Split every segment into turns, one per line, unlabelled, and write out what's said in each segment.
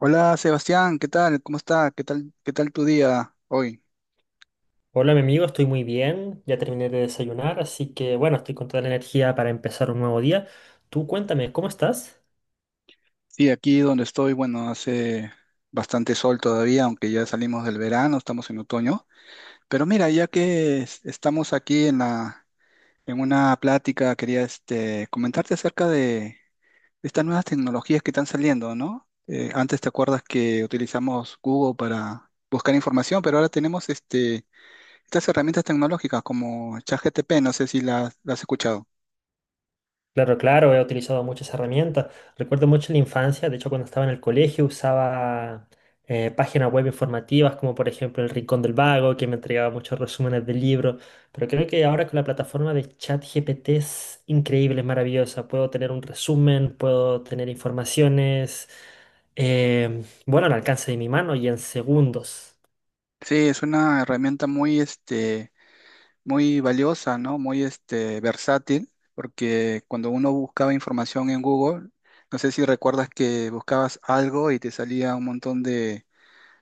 Hola Sebastián, ¿qué tal? ¿Cómo está? ¿Qué tal? ¿Qué tal tu día hoy?
Hola, mi amigo, estoy muy bien. Ya terminé de desayunar, así que bueno, estoy con toda la energía para empezar un nuevo día. Tú cuéntame, ¿cómo estás?
Sí, aquí donde estoy, bueno, hace bastante sol todavía, aunque ya salimos del verano, estamos en otoño. Pero mira, ya que estamos aquí en una plática, quería comentarte acerca de estas nuevas tecnologías que están saliendo, ¿no? Antes te acuerdas que utilizamos Google para buscar información, pero ahora tenemos estas herramientas tecnológicas como ChatGPT, no sé si las has escuchado.
Claro, claro, he utilizado muchas herramientas. Recuerdo mucho la infancia, de hecho cuando estaba en el colegio usaba páginas web informativas como por ejemplo El Rincón del Vago, que me entregaba muchos resúmenes de libros, pero creo que ahora con la plataforma de ChatGPT es increíble, es maravillosa. Puedo tener un resumen, puedo tener informaciones, bueno, al alcance de mi mano y en segundos.
Sí, es una herramienta muy valiosa, ¿no? Versátil, porque cuando uno buscaba información en Google, no sé si recuerdas que buscabas algo y te salía un montón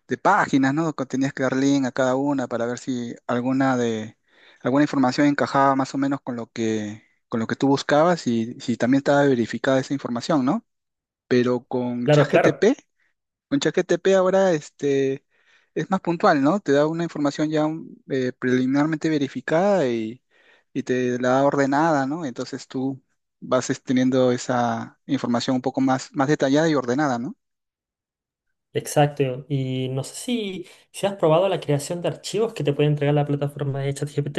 de páginas, ¿no? Que tenías que dar link a cada una para ver si alguna información encajaba más o menos con con lo que tú buscabas y si también estaba verificada esa información, ¿no? Pero con
Claro,
ChatGPT
claro.
con ChatGPT ahora es más puntual, ¿no? Te da una información ya preliminarmente verificada y te la da ordenada, ¿no? Entonces tú vas teniendo esa información un poco más detallada y ordenada, ¿no?
Exacto. Y no sé si, si has probado la creación de archivos que te puede entregar la plataforma de ChatGPT.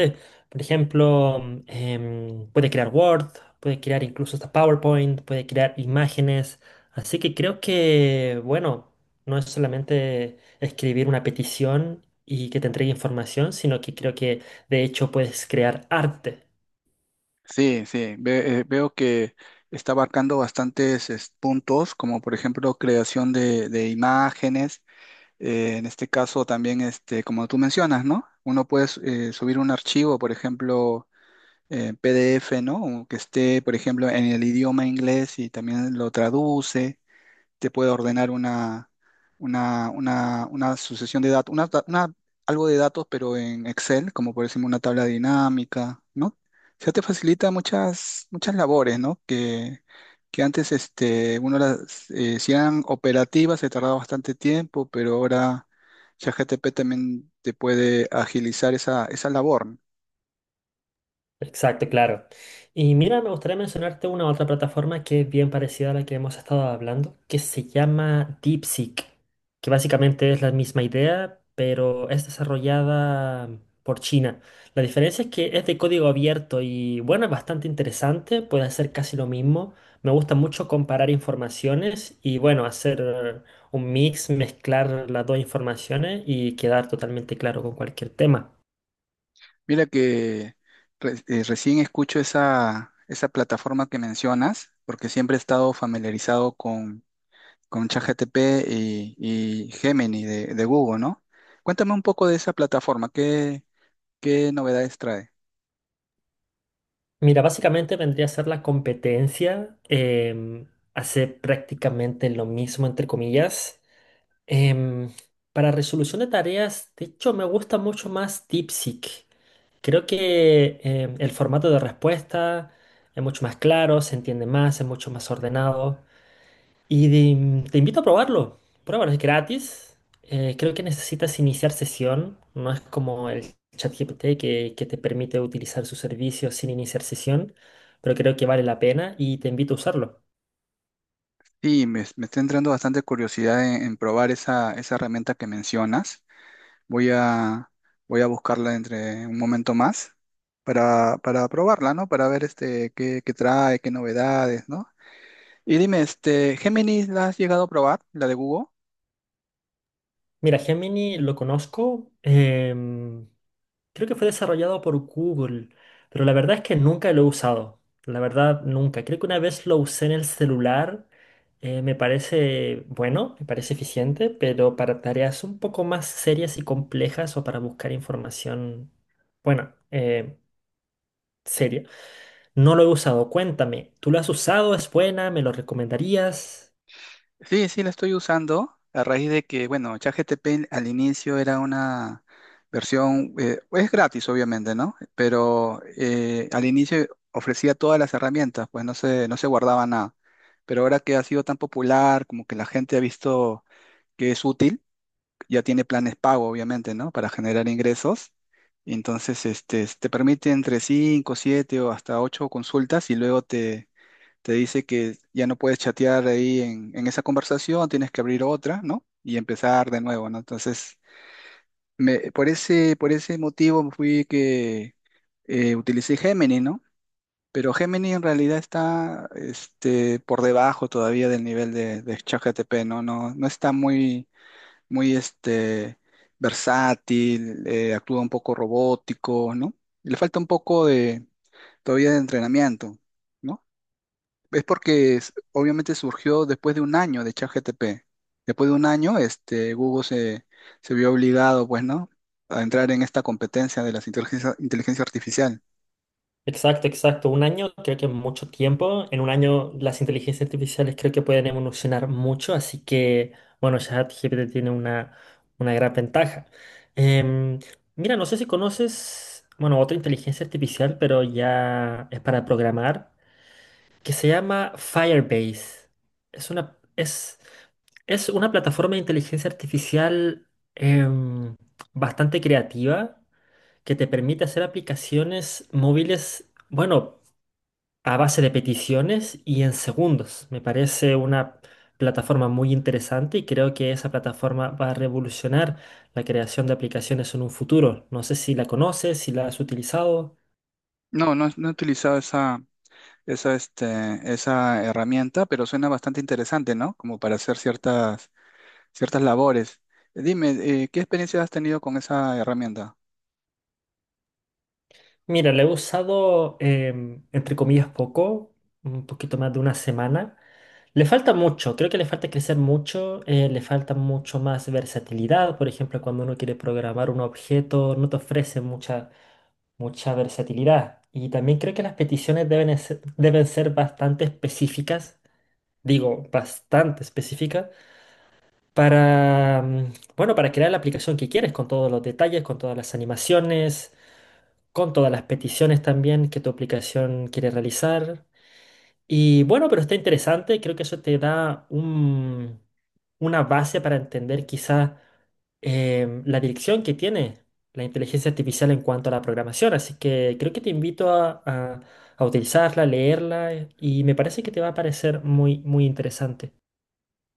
Por ejemplo, puede crear Word, puede crear incluso hasta PowerPoint, puede crear imágenes. Así que creo que, bueno, no es solamente escribir una petición y que te entregue información, sino que creo que de hecho puedes crear arte.
Sí, sí, veo que está abarcando bastantes puntos, como por ejemplo creación de imágenes, en este caso también, como tú mencionas, ¿no? Uno puede subir un archivo, por ejemplo PDF, ¿no? O que esté, por ejemplo, en el idioma inglés y también lo traduce, te puede ordenar una sucesión de datos, algo de datos, pero en Excel, como por ejemplo una tabla dinámica, ¿no? O sea, te facilita muchas labores, ¿no? Que antes uno las si eran operativas, se tardaba bastante tiempo, pero ahora ChatGPT también te puede agilizar esa labor.
Exacto, claro. Y mira, me gustaría mencionarte una otra plataforma que es bien parecida a la que hemos estado hablando, que se llama DeepSeek, que básicamente es la misma idea, pero es desarrollada por China. La diferencia es que es de código abierto y bueno, es bastante interesante, puede hacer casi lo mismo. Me gusta mucho comparar informaciones y bueno, hacer un mix, mezclar las dos informaciones y quedar totalmente claro con cualquier tema.
Mira que recién escucho esa plataforma que mencionas, porque siempre he estado familiarizado con ChatGPT y Gemini de Google, ¿no? Cuéntame un poco de esa plataforma, ¿qué novedades trae?
Mira, básicamente vendría a ser la competencia, hacer prácticamente lo mismo, entre comillas. Em, para resolución de tareas, de hecho, me gusta mucho más DeepSeek. Creo que el formato de respuesta es mucho más claro, se entiende más, es mucho más ordenado. Te invito a probarlo. Pruébalo, es gratis. Creo que necesitas iniciar sesión. No es como el ChatGPT que te permite utilizar su servicio sin iniciar sesión, pero creo que vale la pena y te invito a usarlo.
Sí, me está entrando bastante curiosidad en probar esa herramienta que mencionas. Voy a, Voy a buscarla entre un momento más para probarla, ¿no? Para ver este, qué trae, qué novedades, ¿no? Y dime, este, Gemini, ¿la has llegado a probar, la de Google?
Mira, Gemini lo conozco. Creo que fue desarrollado por Google, pero la verdad es que nunca lo he usado. La verdad, nunca. Creo que una vez lo usé en el celular. Me parece bueno, me parece eficiente, pero para tareas un poco más serias y complejas o para buscar información, bueno, seria, no lo he usado. Cuéntame, ¿tú lo has usado? ¿Es buena? ¿Me lo recomendarías?
Sí, sí, la estoy usando a raíz de que, bueno, ChatGPT al inicio era una versión, es gratis obviamente, ¿no? Pero al inicio ofrecía todas las herramientas, pues no se guardaba nada. Pero ahora que ha sido tan popular, como que la gente ha visto que es útil, ya tiene planes pago, obviamente, ¿no? Para generar ingresos. Entonces, este, te permite entre 5, 7 o hasta 8 consultas y luego te dice que ya no puedes chatear ahí en esa conversación, tienes que abrir otra, ¿no? Y empezar de nuevo, ¿no? Entonces, por por ese motivo fui que utilicé Gemini, ¿no? Pero Gemini en realidad está por debajo todavía del nivel de ChatGPT, ¿no? No está muy versátil, actúa un poco robótico, ¿no? Le falta un poco todavía de entrenamiento. ¿No? Es porque obviamente surgió después de un año de ChatGPT. Después de un año, Google se vio obligado, pues, ¿no? A entrar en esta competencia de las inteligencia artificial.
Exacto, exacto. Un año creo que es mucho tiempo. En un año las inteligencias artificiales creo que pueden evolucionar mucho, así que, bueno, ChatGPT tiene una gran ventaja. Em, Mira, no sé si conoces, bueno, otra inteligencia artificial, pero ya es para programar, que se llama Firebase. Es una, es, es una plataforma de inteligencia artificial em, bastante creativa que te permite hacer aplicaciones móviles, bueno, a base de peticiones y en segundos. Me parece una plataforma muy interesante y creo que esa plataforma va a revolucionar la creación de aplicaciones en un futuro. No sé si la conoces, si la has utilizado.
No, no he utilizado esa herramienta, pero suena bastante interesante, ¿no? Como para hacer ciertas labores. Dime, ¿qué experiencia has tenido con esa herramienta?
Mira, la he usado, em, entre comillas, poco, un poquito más de una semana. Le falta mucho, creo que le falta crecer mucho, le falta mucho más versatilidad. Por ejemplo, cuando uno quiere programar un objeto, no te ofrece mucha versatilidad. Y también creo que las peticiones deben ser bastante específicas, digo, bastante específicas, para, bueno, para crear la aplicación que quieres, con todos los detalles, con todas las animaciones, con todas las peticiones también que tu aplicación quiere realizar. Y bueno, pero está interesante, creo que eso te da una base para entender quizá la dirección que tiene la inteligencia artificial en cuanto a la programación, así que creo que te invito a utilizarla, leerla y me parece que te va a parecer muy, muy interesante.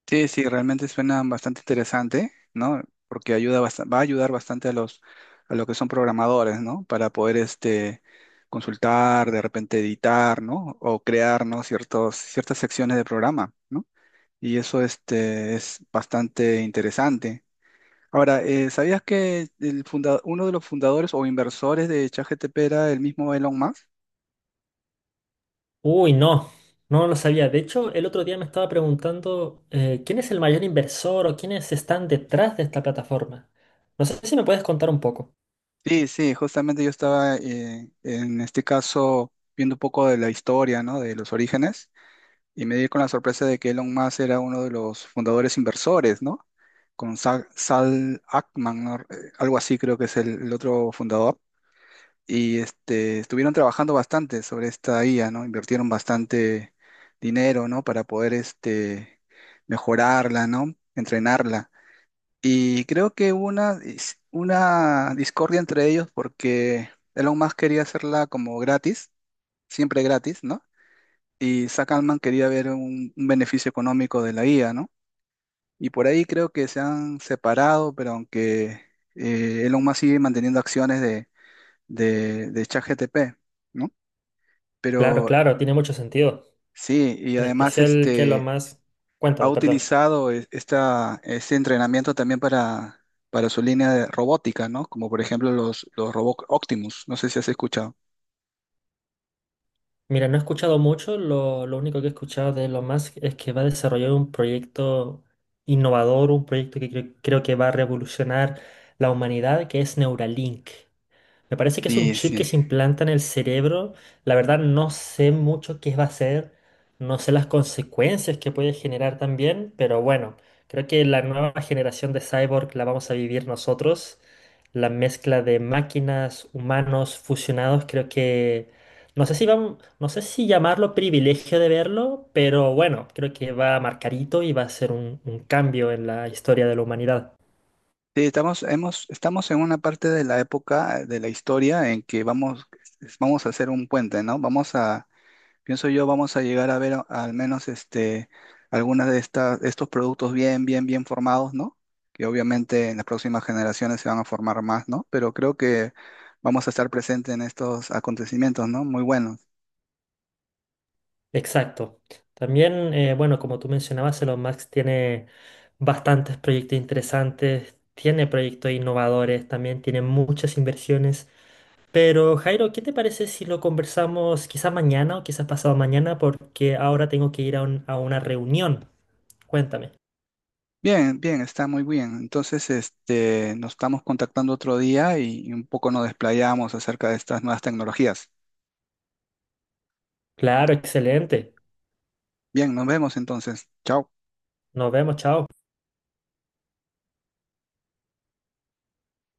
Sí, sí, realmente suena bastante interesante, ¿no? Porque va a ayudar bastante a a los que son programadores, ¿no? Para poder consultar, de repente editar, ¿no? O crear, ¿no? Ciertas secciones de programa, ¿no? Y eso es bastante interesante. Ahora, ¿sabías que el uno de los fundadores o inversores de ChatGPT era el mismo Elon Musk?
Uy, no, no lo sabía. De hecho, el otro día me estaba preguntando quién es el mayor inversor o quiénes están detrás de esta plataforma. No sé si me puedes contar un poco.
Sí, sí, justamente yo estaba en este caso viendo un poco de la historia, ¿no? De los orígenes y me di con la sorpresa de que Elon Musk era uno de los fundadores inversores, ¿no? Con Sal Ackman, ¿no? Algo así creo que es el otro fundador. Y este, estuvieron trabajando bastante sobre esta IA, ¿no? Invirtieron bastante dinero, ¿no? Para poder mejorarla, ¿no? Entrenarla. Y creo que hubo una discordia entre ellos porque Elon Musk quería hacerla como gratis, siempre gratis, ¿no? Y Zack Altman quería ver un beneficio económico de la IA, ¿no? Y por ahí creo que se han separado, pero aunque Elon Musk sigue manteniendo acciones de ChatGPT, ¿no?
Claro,
Pero
claro, tiene mucho sentido.
sí, y
En
además
especial, ¿qué es lo más?
ha
Cuéntame, perdón.
utilizado esta, este entrenamiento también para su línea de robótica, ¿no? Como por ejemplo los robots Optimus, no sé si has escuchado.
Mira, no he escuchado mucho, lo único que he escuchado de lo más es que va a desarrollar un proyecto innovador, un proyecto creo que va a revolucionar la humanidad, que es Neuralink. Me parece que es un
Sí,
chip que
sí.
se implanta en el cerebro. La verdad no sé mucho qué va a ser, no sé las consecuencias que puede generar también, pero bueno, creo que la nueva generación de cyborg la vamos a vivir nosotros. La mezcla de máquinas, humanos fusionados, creo que no sé si llamarlo privilegio de verlo, pero bueno, creo que va a marcar hito y va a ser un cambio en la historia de la humanidad.
Sí, estamos en una parte de la época de la historia en que vamos a hacer un puente, ¿no? Pienso yo, vamos a llegar a ver al menos este, algunas de estas, estos productos bien formados, ¿no? Que obviamente en las próximas generaciones se van a formar más, ¿no? Pero creo que vamos a estar presentes en estos acontecimientos, ¿no? Muy buenos.
Exacto. También, bueno, como tú mencionabas, Elon Musk tiene bastantes proyectos interesantes, tiene proyectos innovadores, también tiene muchas inversiones. Pero Jairo, ¿qué te parece si lo conversamos quizás mañana o quizás pasado mañana? Porque ahora tengo que ir a una reunión. Cuéntame.
Bien, está muy bien. Entonces, este, nos estamos contactando otro día y un poco nos desplayamos acerca de estas nuevas tecnologías.
Claro, excelente.
Bien, nos vemos entonces. Chao.
Nos vemos, chao.